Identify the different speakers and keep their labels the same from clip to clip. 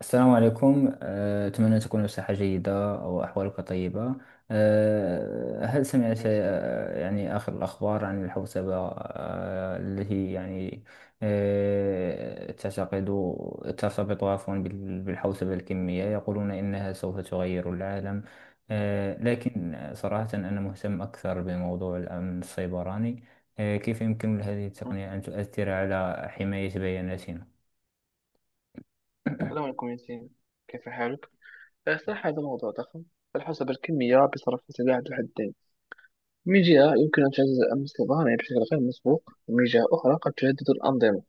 Speaker 1: السلام عليكم، أتمنى تكون بصحة جيدة أو أحوالك طيبة. هل سمعت
Speaker 2: ماشي.
Speaker 1: أه، يعني آخر الأخبار عن الحوسبة التي يعني أه، تعتقد ترتبط، عفوا، بالحوسبة الكمية؟ يقولون إنها سوف تغير العالم. لكن صراحة أنا مهتم أكثر بموضوع الأمن السيبراني. كيف يمكن لهذه
Speaker 2: مم.
Speaker 1: التقنية أن تؤثر على حماية بياناتنا؟
Speaker 2: السلام عليكم ياسين، كيف حالك؟ صراحة هذا موضوع ضخم. فالحسب الكمية بصرف سلاح ذو حدين، من جهة يمكن أن تعزز أمن الصيدلاني بشكل غير مسبوق، ومن جهة أخرى قد تهدد الأنظمة.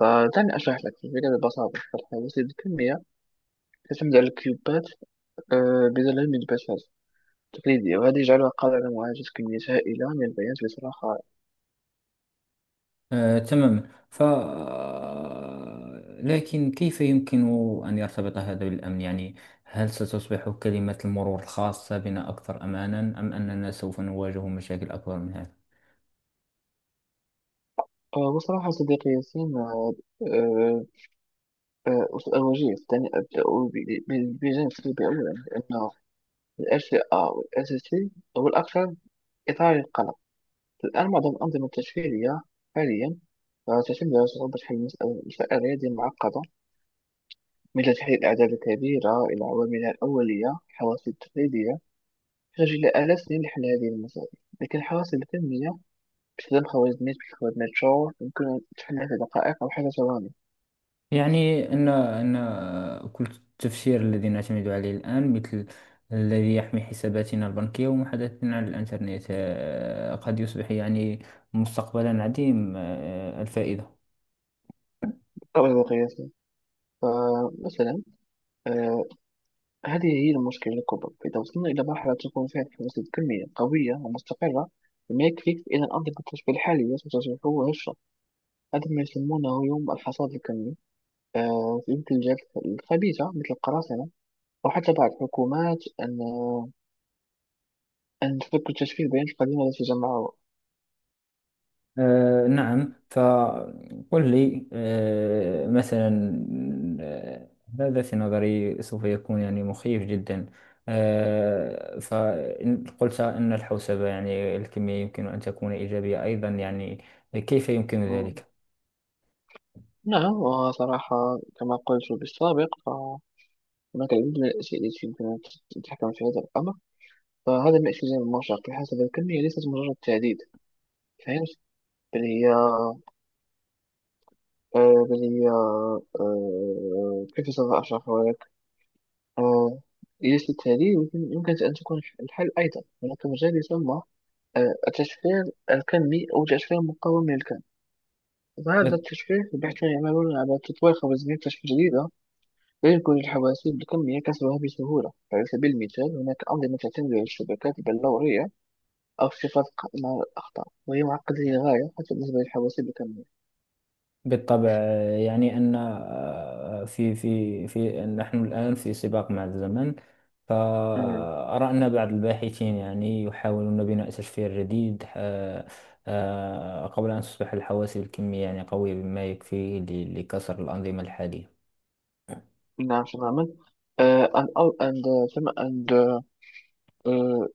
Speaker 2: فدعني أشرح لك الفكرة ببساطة. فالحواسيب الكمية تعتمد على الكيوبات بدلا من البشر تقليدية، وهذا يجعلها قادرة على معالجة كميات هائلة من البيانات بصراحة.
Speaker 1: تماما. ف آه، لكن كيف يمكن أن يرتبط هذا بالأمن؟ يعني هل ستصبح كلمة المرور الخاصة بنا أكثر أمانا، أم أننا سوف نواجه مشاكل أكبر من هذا؟
Speaker 2: وصراحة صديقي ياسين، آه، آه، أوجيه دعني أبدأ بجانب سلبي أولا لأنه الأس آه والأساسي والأكثر إثارة للقلق. الآن معظم الأنظمة التشفيرية حاليا تعتمد على صعوبة حل مسألة مسائل رياضية معقدة مثل تحليل الأعداد الكبيرة إلى عواملها الأولية. الحواسيب التقليدية تحتاج إلى آلاف السنين لحل هذه المسائل، لكن الحواسيب الذهنية باستخدام خوارزميات مثل خوارزميات شور يمكن أن تحلها في دقائق أو حتى ثواني
Speaker 1: يعني أن كل التفسير الذي نعتمد عليه الآن، مثل الذي يحمي حساباتنا البنكية ومحادثتنا على الإنترنت، قد يصبح يعني مستقبلا عديم آه، الفائدة.
Speaker 2: قبل القياس. فمثلا هذه هي المشكلة الكبرى. إذا وصلنا إلى مرحلة تكون فيها الحواسيب الكمية قوية ومستقرة ما يكفيك إلى الأنظمة التشبيه الحالية ستشبه هشة. هذا ما يسمونه يوم الحصاد الكمي في يد الجهات الخبيثة مثل القراصنة وحتى بعض الحكومات أن تفك التشبيه بين القديم الذي جمعه.
Speaker 1: نعم. فقل لي مثلا، آه هذا في نظري سوف يكون يعني مخيف جدا. فإن قلت أن الحوسبة يعني الكمية يمكن أن تكون إيجابية أيضا، يعني كيف يمكن
Speaker 2: مم.
Speaker 1: ذلك؟
Speaker 2: نعم، وصراحة كما قلت بالسابق فهناك العديد من الأشياء التي يمكن أن تتحكم في هذا الأمر. فهذا ما اسمه زي المرشق بحسب الكمية ليست مجرد تعديد. فهمت؟ بل هي بل هي كيف سوف أشرحها. آه، يجلس التالي يمكن أن تكون الحل. أيضا هناك مجال يسمى التشفير الكمي أو تشفير مقاوم للكم. فهذا التشفير الباحثون يعملون على تطوير خوارزمية تشفير جديدة لا يمكن للحواسيب الكمية كسرها بسهولة. على سبيل المثال هناك أنظمة تعتمد على الشبكات البلورية أو اختصاص مع الأخطاء، وهي معقدة للغاية حتى بالنسبة للحواسيب الكمية.
Speaker 1: بالطبع. يعني أن آه، في في في نحن الآن في سباق مع الزمن.
Speaker 2: أمم،
Speaker 1: فأرى أن بعض الباحثين يعني يحاولون بناء تشفير جديد، قبل أن تصبح الحواسب الكمية يعني قوية بما يكفي لكسر الأنظمة الحالية.
Speaker 2: نعم تماما. آه، and, all- and, تم- and uh,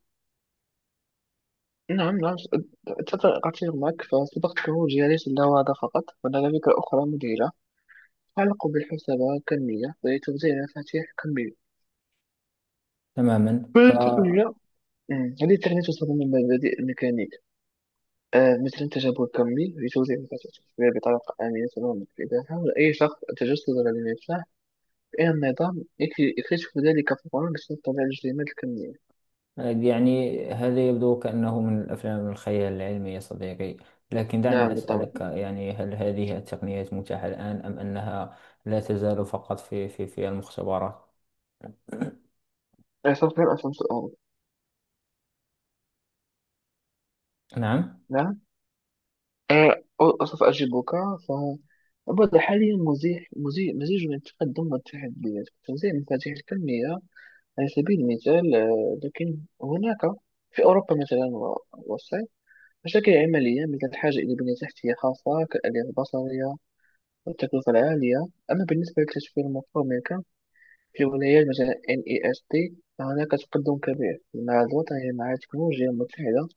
Speaker 2: نعم، نعم. أتفق معك. فصداقة الوجهة ليس لها هذا فقط، هنالك أخرى مذهلة تعلق بالحسبة كالمية ولتوزيع المفاتيح كالمية.
Speaker 1: تماما.
Speaker 2: فالتقنية، هذه التقنية تستخدم من مبادئ الميكانيك مثل التجاوب الكمي لتوزيع المفاتيح التشفيرية بطريقة آمنة تماما. إذا حاول أي شخص التجسد على المفتاح فإن النظام يكتشف ذلك فورا بسبب طبيعة الاجتماعات الكمية.
Speaker 1: يعني هذا يبدو كأنه من الأفلام الخيال العلمي يا صديقي. لكن دعني
Speaker 2: نعم بالطبع.
Speaker 1: أسألك، يعني هل هذه التقنيات متاحة الآن، أم أنها لا تزال فقط في المختبرات؟
Speaker 2: سوف أسأل سؤال.
Speaker 1: نعم.
Speaker 2: نعم. أصف أجيبك. فهو الوضع حاليا مزيج من التقدم والتحديات. توزيع المفاتيح الكمية على سبيل المثال، لكن هناك في أوروبا مثلا والصين مشاكل عملية مثل الحاجة إلى بنية تحتية خاصة كالآلية البصرية والتكلفة العالية. أما بالنسبة للتشفير المطلوب منك في ولايات مثلا NEST، فهناك تقدم كبير مع الوطني مع التكنولوجيا المتحدة.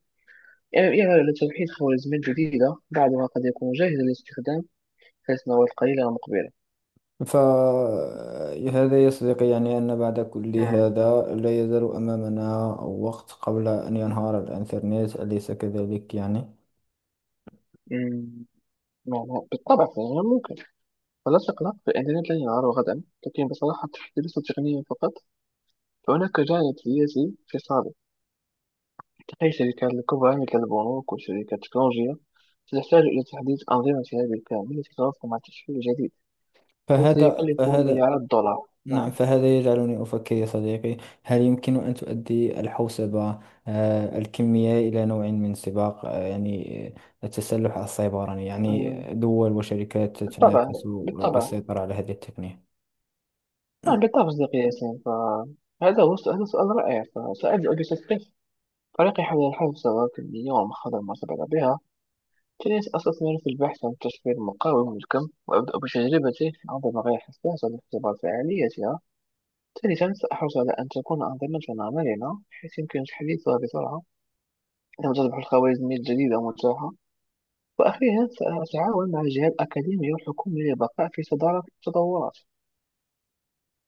Speaker 2: يعني على توحيد خوارزميات جديدة، بعضها قد يكون جاهز للاستخدام حيث نوى القليل المقبلة.
Speaker 1: فهذا يا صديقي يعني أن بعد كل
Speaker 2: مم.
Speaker 1: هذا لا يزال أمامنا وقت قبل أن ينهار الإنترنت، أليس كذلك؟ يعني
Speaker 2: مم. نعم، بالطبع فهي ممكن. ولا تقلق، فالإنترنت لن ينهار غدا، لكن بصراحة ليس تقنيا فقط. فهناك جانب سياسي في صالح تقي. الشركات الكبرى مثل البنوك والشركات التكنولوجية ستحتاج إلى تحديث أنظمتها بالكامل التي تتوافق مع التشكيل الجديد. هذا
Speaker 1: فهذا
Speaker 2: سيكلف
Speaker 1: فهذا
Speaker 2: مليارات دولار.
Speaker 1: نعم.
Speaker 2: نعم.
Speaker 1: فهذا يجعلني أفكر يا صديقي، هل يمكن أن تؤدي الحوسبة الكمية إلى نوع من سباق التسلح السيبراني؟ يعني
Speaker 2: مم.
Speaker 1: دول وشركات
Speaker 2: بالطبع،
Speaker 1: تنافس
Speaker 2: بالطبع.
Speaker 1: للسيطرة على هذه التقنية.
Speaker 2: نعم بالطبع صديقي ياسين، هذا سؤال رائع. فسأجد فريقي حول الحل ثروات كمية ومخاطر ما سبق بها. جلست أستثمر في البحث عن تشفير مقاوم للكم وأبدأ بتجربته عندما غير حساسة لاختبار فعاليتها. ثالثا سأحرص على أن تكون أنظمتنا مرنة بحيث يمكن تحديثها بسرعة عندما تصبح الخوارزمية الجديدة متاحة. وأخيرا سأتعاون مع الجهات الأكاديمية والحكومية للبقاء في صدارة التطورات.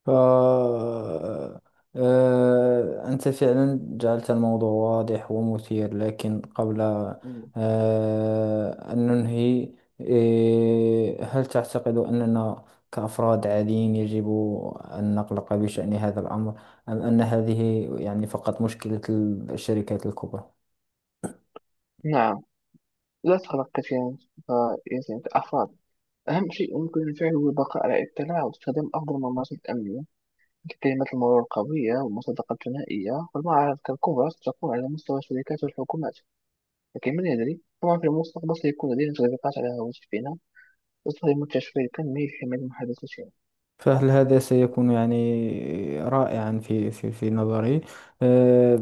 Speaker 1: ف آه، آه، أنت فعلا جعلت الموضوع واضح ومثير، لكن قبل
Speaker 2: مم.
Speaker 1: أن ننهي، هل تعتقد أننا كأفراد عاديين يجب أن نقلق بشأن هذا الأمر، أم أن هذه يعني فقط مشكلة الشركات الكبرى؟
Speaker 2: نعم، لا تقلق كثيرا. فيزن الأفراد أهم شيء يمكن فعله هو البقاء على اطلاع واستخدام أفضل الممارسات الأمنية ككلمة المرور القوية والمصادقة الثنائية. والمعارض كالكبرى ستكون على مستوى الشركات والحكومات. لكن من يدري، طبعا في المستقبل سيكون لدينا تطبيقات على هواتفنا تستخدم التشفير الكمي لحماية محادثاتنا.
Speaker 1: فهل هذا سيكون يعني رائعا في نظري. آه،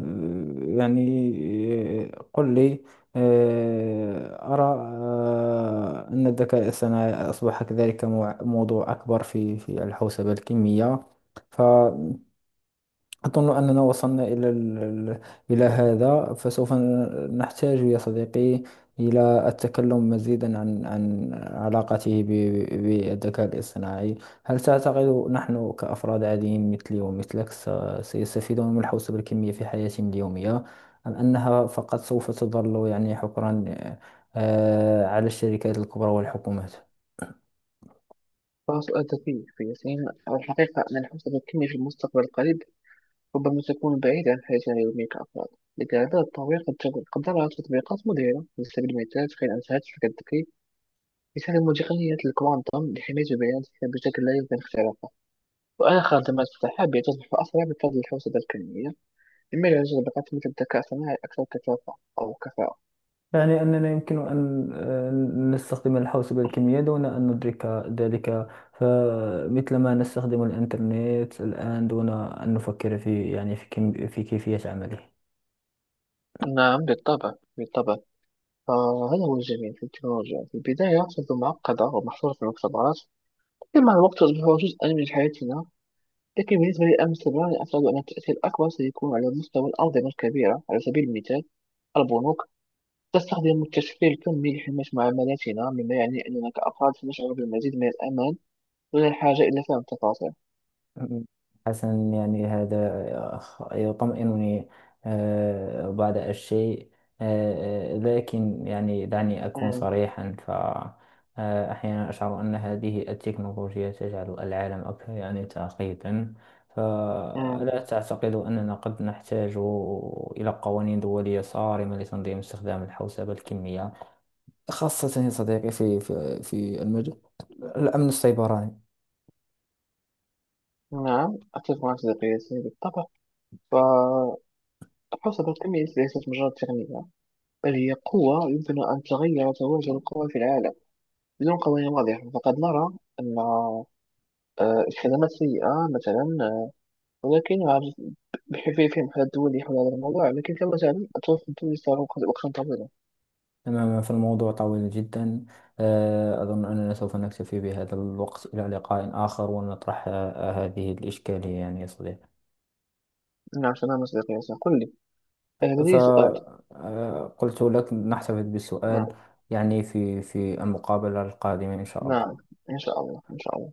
Speaker 1: يعني قل لي، أرى أن الذكاء الصناعي أصبح كذلك موضوع أكبر في الحوسبة الكمية. أظن أننا وصلنا إلى إلى
Speaker 2: مم.
Speaker 1: هذا، فسوف نحتاج يا صديقي إلى التكلم مزيدا عن علاقته بالذكاء الاصطناعي. هل تعتقد نحن كأفراد عاديين مثلي ومثلك سيستفيدون من الحوسبة الكمية في حياتهم اليومية، أم أنها فقط سوف تظل يعني حكرا على الشركات الكبرى والحكومات؟
Speaker 2: فسؤال ذكي في ياسين. الحقيقة أن الحوسبة الكمية في المستقبل القريب ربما تكون بعيدة عن حياتنا اليومية كأفراد. لكن التطوير قد نرى تطبيقات مذهلة. على سبيل المثال تخيل أن شركة الذكي يستخدم تقنية الكوانتم لحماية البيانات بشكل لا يمكن اختراقه. وآخر دمج سحابي تصبح أسرع بفضل الحوسبة الكمية، مما يعزز بقات مثل الذكاء الصناعي أكثر كثافة أو كفاءة.
Speaker 1: يعني أننا يمكن أن نستخدم الحوسبة الكمية دون أن ندرك ذلك، فمثلما نستخدم الإنترنت الآن دون أن نفكر في يعني في كم في كيفية عمله.
Speaker 2: نعم بالطبع، بالطبع. فهذا هو الجميل في التكنولوجيا. في البداية تبدو معقدة ومحصورة في المختبرات، لكن مع الوقت تصبح جزءا من حياتنا. لكن بالنسبة للأمن السيبراني أعتقد أن التأثير الأكبر سيكون على مستوى الأنظمة الكبيرة. على سبيل المثال البنوك تستخدم التشفير الكمي لحماية معاملاتنا، مما يعني أننا كأفراد سنشعر بالمزيد من الأمان دون الحاجة إلى فهم التفاصيل.
Speaker 1: حسنا يعني هذا يطمئنني بعض الشيء. لكن يعني دعني أكون
Speaker 2: مم.
Speaker 1: صريحا، فأحيانا أشعر أن هذه التكنولوجيا تجعل العالم أكثر يعني تعقيدا.
Speaker 2: مم.
Speaker 1: فلا تعتقد أننا قد نحتاج إلى قوانين دولية صارمة لتنظيم استخدام الحوسبة الكمية، خاصة يا صديقي في المجال الأمن السيبراني؟
Speaker 2: نعم أتفق معك صديقي سامي، بالطبع الحوسبة الكمية ليست مجرد تقنية، بل هي قوة يمكن أن تغير توازن القوى في العالم. بدون قوانين واضحة فقد نرى أن الخدمات سيئة مثلا. ولكن عجز- بحيث في محل دولي حول هذا الموضوع. لكن كما تعلم التوافق الدولي صار وقتا طويلا.
Speaker 1: تماما. فالموضوع طويل جدا. أظن أننا سوف نكتفي بهذا الوقت، إلى لقاء آخر ونطرح هذه الإشكالية يعني يا صديقي.
Speaker 2: نعم تماما صديقي ياسين، قل لي. لدي سؤال.
Speaker 1: فقلت لك نحتفظ بالسؤال
Speaker 2: نعم.
Speaker 1: يعني في المقابلة القادمة، إن شاء
Speaker 2: نعم.
Speaker 1: الله.
Speaker 2: إن شاء الله، إن شاء الله.